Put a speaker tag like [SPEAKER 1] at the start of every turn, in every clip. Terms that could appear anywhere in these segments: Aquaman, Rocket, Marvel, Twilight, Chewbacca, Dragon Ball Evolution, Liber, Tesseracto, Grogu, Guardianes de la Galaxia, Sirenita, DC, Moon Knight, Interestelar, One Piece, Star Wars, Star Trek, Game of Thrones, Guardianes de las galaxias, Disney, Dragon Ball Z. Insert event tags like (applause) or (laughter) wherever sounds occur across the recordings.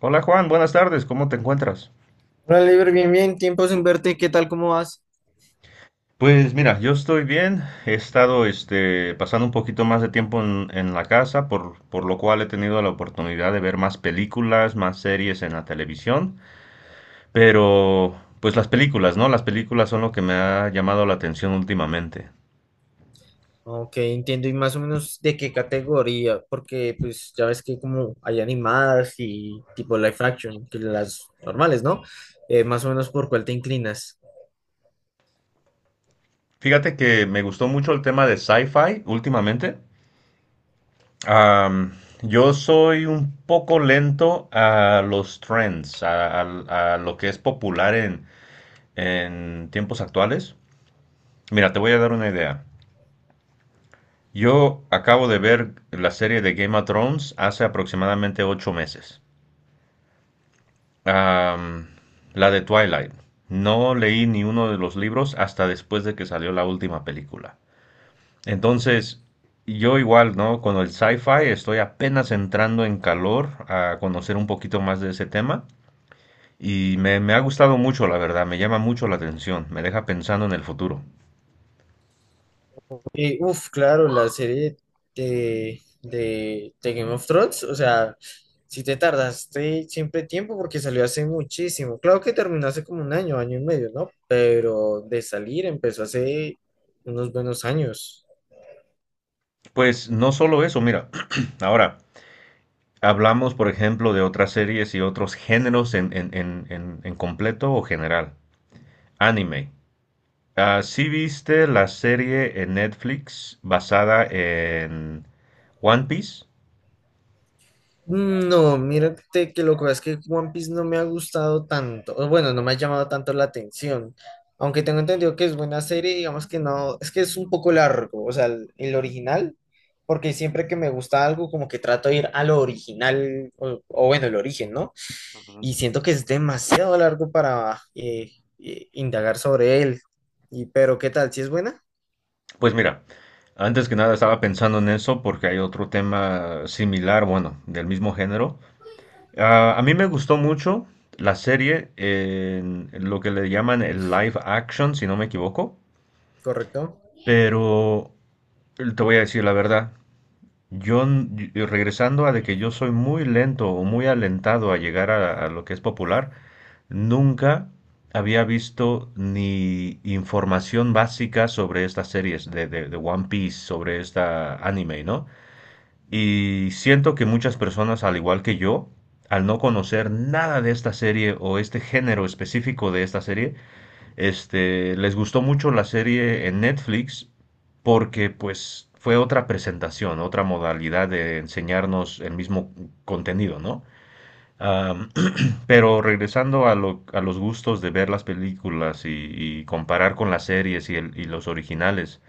[SPEAKER 1] Hola Juan, buenas tardes, ¿cómo te encuentras?
[SPEAKER 2] Hola, Liber, bien, bien, tiempo sin verte, ¿qué tal, cómo vas?
[SPEAKER 1] Pues mira, yo estoy bien, he estado pasando un poquito más de tiempo en la casa, por lo cual he tenido la oportunidad de ver más películas, más series en la televisión, pero pues las películas, ¿no? Las películas son lo que me ha llamado la atención últimamente.
[SPEAKER 2] Ok, entiendo, y más o menos de qué categoría, porque pues ya ves que como hay animadas y tipo live action, que las normales, ¿no? Más o menos por cuál te inclinas.
[SPEAKER 1] Fíjate que me gustó mucho el tema de sci-fi últimamente. Am, yo soy un poco lento a los trends, a lo que es popular en tiempos actuales. Mira, te voy a dar una idea. Yo acabo de ver la serie de Game of Thrones hace aproximadamente ocho meses. Am, la de Twilight. No leí ni uno de los libros hasta después de que salió la última película. Entonces, yo igual, ¿no? Con el sci-fi estoy apenas entrando en calor a conocer un poquito más de ese tema y me ha gustado mucho, la verdad, me llama mucho la atención, me deja pensando en el futuro.
[SPEAKER 2] Claro, la serie de Game of Thrones, o sea, si te tardaste siempre tiempo porque salió hace muchísimo. Claro que terminó hace como un año, año y medio, ¿no? Pero de salir empezó hace unos buenos años.
[SPEAKER 1] Pues no solo eso, mira, (clears throat) ahora hablamos, por ejemplo, de otras series y otros géneros en completo o general. Anime. Ah, ¿sí viste la serie en Netflix basada en One Piece?
[SPEAKER 2] No, mírate que lo que pasa es que One Piece no me ha gustado tanto, o bueno, no me ha llamado tanto la atención, aunque tengo entendido que es buena serie, digamos que no, es que es un poco largo, o sea, el original, porque siempre que me gusta algo como que trato de ir a lo original, o bueno, el origen, ¿no? Y siento que es demasiado largo para indagar sobre él, y pero ¿qué tal? ¿Si es buena?
[SPEAKER 1] Pues mira, antes que nada estaba pensando en eso porque hay otro tema similar, bueno, del mismo género. Ah, a mí me gustó mucho la serie en lo que le llaman el live action, si no me equivoco.
[SPEAKER 2] ¿Correcto?
[SPEAKER 1] Pero te voy a decir la verdad. Yo, n- Regresando a de que yo soy muy lento o muy alentado a llegar a lo que es popular, nunca había visto ni información básica sobre estas series de One Piece, sobre esta anime, ¿no? Y siento que muchas personas, al igual que yo, al no conocer nada de esta serie o este género específico de esta serie, les gustó mucho la serie en Netflix porque pues fue otra presentación, otra modalidad de enseñarnos el mismo contenido, ¿no? Am, (clears throat) pero regresando a los gustos de ver las películas y comparar con las series y los originales,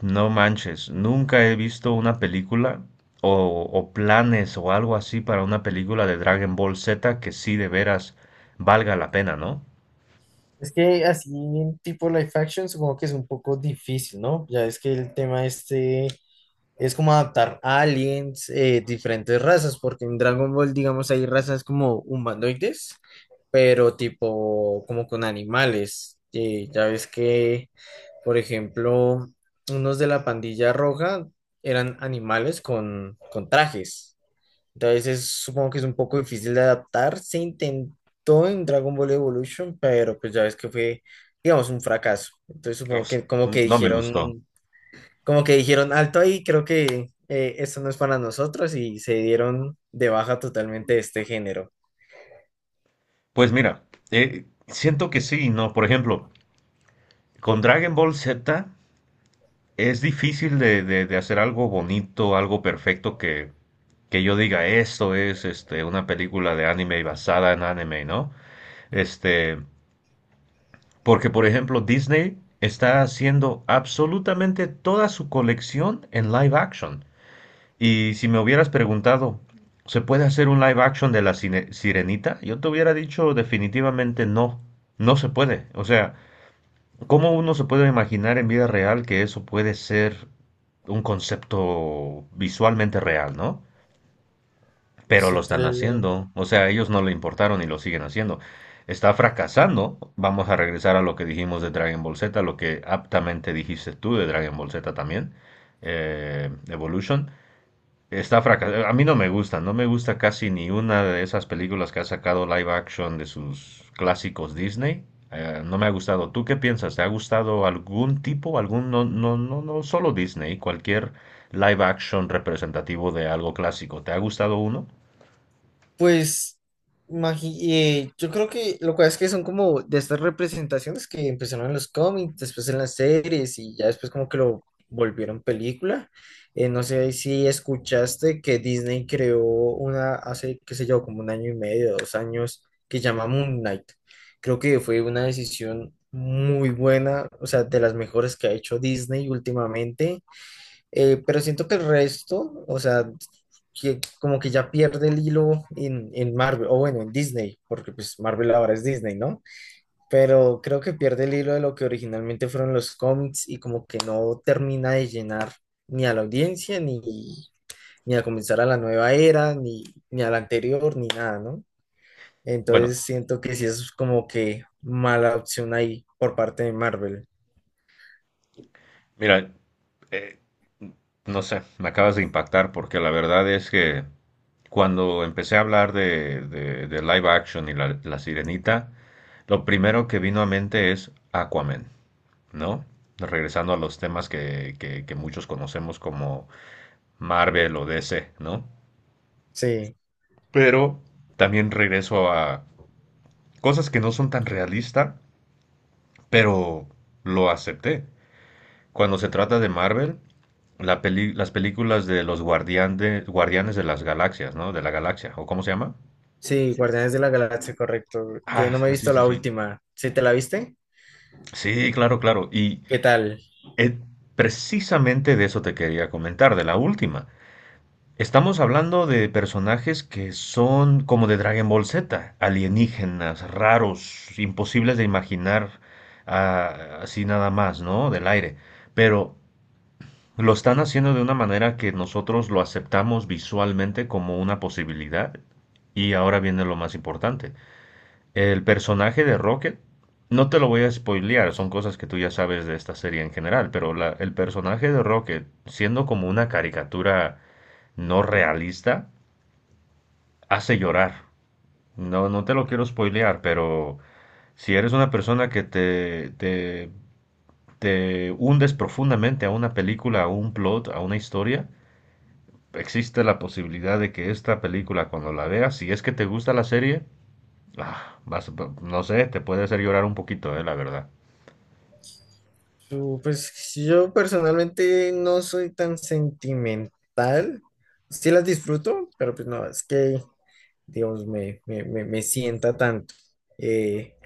[SPEAKER 1] no manches, nunca he visto una película o planes o algo así para una película de Dragon Ball Z que sí de veras valga la pena, ¿no?
[SPEAKER 2] Es que así en tipo live action supongo que es un poco difícil, ¿no? Ya es que el tema este es como adaptar aliens, diferentes razas, porque en Dragon Ball, digamos, hay razas como humanoides, pero tipo como con animales. Ya ves que, por ejemplo, unos de la pandilla roja eran animales con trajes. Entonces supongo que es un poco difícil de adaptar. Se intentó en Dragon Ball Evolution, pero pues ya ves que fue, digamos, un fracaso. Entonces supongo
[SPEAKER 1] Os-
[SPEAKER 2] que
[SPEAKER 1] No me gustó.
[SPEAKER 2] como que dijeron alto ahí, creo que esto no es para nosotros y se dieron de baja totalmente de este género.
[SPEAKER 1] Pues mira, siento que sí, ¿no? Por ejemplo, con Dragon Ball Z es difícil de hacer algo bonito, algo perfecto que yo diga, esto es una película de anime basada en anime, ¿no? Este, Porque, por ejemplo, Disney está haciendo absolutamente toda su colección en live action. Y si me hubieras preguntado, ¿se puede hacer un live action de la Sirenita? Yo te hubiera dicho definitivamente no, no se puede. O sea, ¿cómo uno se puede imaginar en vida real que eso puede ser un concepto visualmente real, ¿no? Pero lo
[SPEAKER 2] Sí,
[SPEAKER 1] están
[SPEAKER 2] claro.
[SPEAKER 1] haciendo, o sea, a ellos no le importaron y lo siguen haciendo. Está fracasando. Vamos a regresar a lo que dijimos de Dragon Ball Z, lo que aptamente dijiste tú de Dragon Ball Z también, Evolution. Está fracasado. A mí no me gusta, no me gusta casi ni una de esas películas que ha sacado live action de sus clásicos Disney. No me ha gustado. ¿Tú qué piensas? ¿Te ha gustado algún tipo, algún, no, no, no, no solo Disney, cualquier live action representativo de algo clásico? ¿Te ha gustado uno?
[SPEAKER 2] Pues yo creo que lo cual es que son como de estas representaciones que empezaron en los cómics, después en las series y ya después como que lo volvieron película. No sé si escuchaste que Disney creó una hace, qué sé yo, como un año y medio, dos años, que llama Moon Knight. Creo que fue una decisión muy buena, o sea, de las mejores que ha hecho Disney últimamente, pero siento que el resto, o sea, que como que ya pierde el hilo en Marvel, o bueno, en Disney, porque pues Marvel ahora es Disney, ¿no? Pero creo que pierde el hilo de lo que originalmente fueron los cómics y como que no termina de llenar ni a la audiencia, ni, ni a comenzar a la nueva era, ni, ni a la anterior, ni nada, ¿no?
[SPEAKER 1] Bueno,
[SPEAKER 2] Entonces siento que sí es como que mala opción ahí por parte de Marvel.
[SPEAKER 1] mira, eh, no sé, me acabas de impactar porque la verdad es que cuando empecé a hablar de live action y la sirenita, lo primero que vino a mente es Aquaman. ¿No? Regresando a los temas que muchos conocemos como Marvel o DC, ¿no?
[SPEAKER 2] Sí.
[SPEAKER 1] Pero también regreso a cosas que no son tan realistas, pero lo acepté. Cuando se trata de Marvel, la las películas de los guardianes de las galaxias, ¿no? De la galaxia, ¿o cómo se llama?
[SPEAKER 2] Sí, Guardianes de la Galaxia, correcto. Que
[SPEAKER 1] Ah,
[SPEAKER 2] no me he
[SPEAKER 1] sí,
[SPEAKER 2] visto
[SPEAKER 1] sí,
[SPEAKER 2] la
[SPEAKER 1] sí.
[SPEAKER 2] última. ¿Sí te la viste?
[SPEAKER 1] Sí, claro, claro. Y
[SPEAKER 2] ¿Qué tal?
[SPEAKER 1] eh, precisamente de eso te quería comentar, de la última. Estamos hablando de personajes que son como de Dragon Ball Z, alienígenas, raros, imposibles de imaginar así nada más, ¿no? Del aire. Pero lo están haciendo de una manera que nosotros lo aceptamos visualmente como una posibilidad. Y ahora viene lo más importante. El personaje de Rocket, no te lo voy a spoilear, son cosas que tú ya sabes de esta serie en general, pero el personaje de Rocket, siendo como una caricatura no realista, hace llorar. No, no te lo quiero spoilear, pero si eres una persona que te hundes profundamente a una película, a un plot, a una historia, existe la posibilidad de que esta película, cuando la veas, si es que te gusta la serie, ah, vas- no sé, te puede hacer llorar un poquito, la verdad.
[SPEAKER 2] Su- Pues yo personalmente no soy tan sentimental. Sí las disfruto, pero pues no, es que, digamos, me sienta tanto. Eh,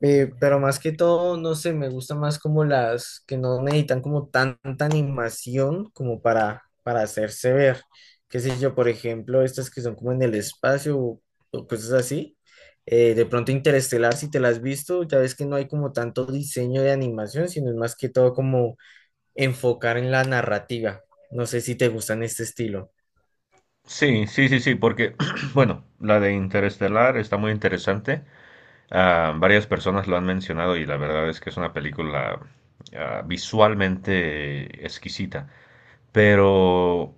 [SPEAKER 2] Pero más que todo, no sé, me gusta más como las que no necesitan como tanta animación como para hacerse ver. Qué sé yo, por ejemplo, estas que son como en el espacio o cosas así. De pronto Interestelar, si te las has visto, ya ves que no hay como tanto diseño de animación, sino es más que todo como enfocar en la narrativa. No sé si te gustan este estilo.
[SPEAKER 1] Sí, sí, sí, sí, porque, (clears throat) bueno, la de Interestelar está muy interesante. Ah, varias personas lo han mencionado y la verdad es que es una película visualmente exquisita, pero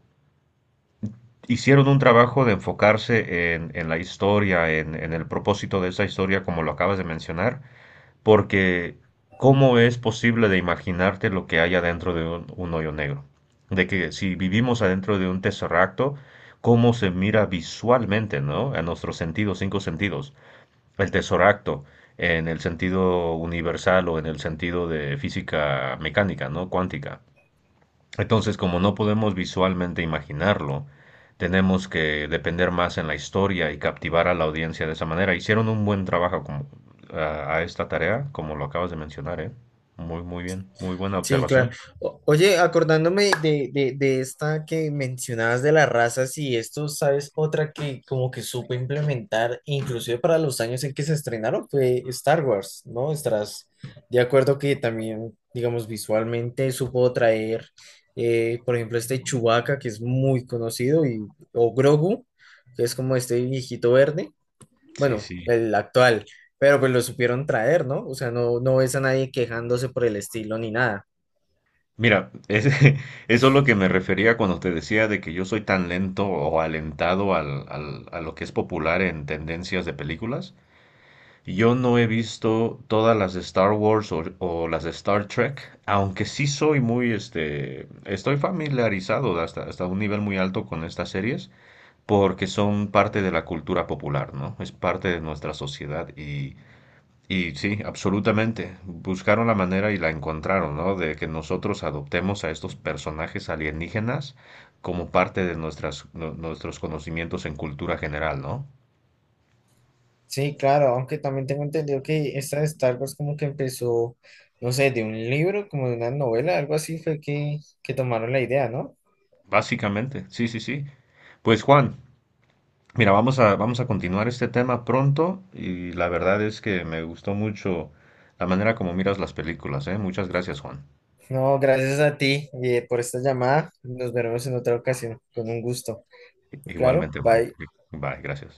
[SPEAKER 1] hicieron un trabajo de enfocarse en la historia, en el propósito de esa historia, como lo acabas de mencionar, porque ¿cómo es posible de imaginarte lo que hay adentro de un hoyo negro? De que si vivimos adentro de un tesseracto, ¿cómo se mira visualmente, ¿no? A nuestros sentidos, cinco sentidos. El tesoracto, en el sentido universal o en el sentido de física mecánica, ¿no? Cuántica. Entonces, como no podemos visualmente imaginarlo, tenemos que depender más en la historia y captivar a la audiencia de esa manera. Hicieron un buen trabajo a esta tarea, como lo acabas de mencionar, ¿eh? Muy, muy bien, muy buena
[SPEAKER 2] Sí, claro.
[SPEAKER 1] observación.
[SPEAKER 2] O- oye, acordándome de esta que mencionabas de las razas y esto, ¿sabes? Otra que como que supo implementar, inclusive para los años en que se estrenaron, fue Star Wars, ¿no? Estás de acuerdo que también, digamos, visualmente supo traer, por ejemplo, este Chewbacca, que es muy conocido, y, o Grogu, que es como este viejito verde,
[SPEAKER 1] Sí,
[SPEAKER 2] bueno,
[SPEAKER 1] sí.
[SPEAKER 2] el actual. Pero pues lo supieron traer, ¿no? O sea, no, no ves a nadie quejándose por el estilo ni nada.
[SPEAKER 1] Mira, es, (laughs) eso es lo que me refería cuando te decía de que yo soy tan lento o alentado a lo que es popular en tendencias de películas. Yo no he visto todas las de Star Wars o las de Star Trek, aunque sí soy muy, estoy familiarizado hasta un nivel muy alto con estas series, porque son parte de la cultura popular, ¿no? Es parte de nuestra sociedad y sí, absolutamente. Buscaron la manera y la encontraron, ¿no? De que nosotros adoptemos a estos personajes alienígenas como parte de nuestros conocimientos en cultura general, ¿no?
[SPEAKER 2] Sí, claro, aunque también tengo entendido que esta de Star Wars como que empezó, no sé, de un libro, como de una novela, algo así fue que tomaron la idea, ¿no?
[SPEAKER 1] Básicamente, sí, sí, sí. Pues Juan, mira, vamos a continuar este tema pronto y la verdad es que me gustó mucho la manera como miras las películas, ¿eh? Muchas gracias, Juan.
[SPEAKER 2] No, gracias a ti por esta llamada. Nos veremos en otra ocasión, con un gusto. Claro,
[SPEAKER 1] Igualmente, Juan.
[SPEAKER 2] bye.
[SPEAKER 1] Bye, gracias.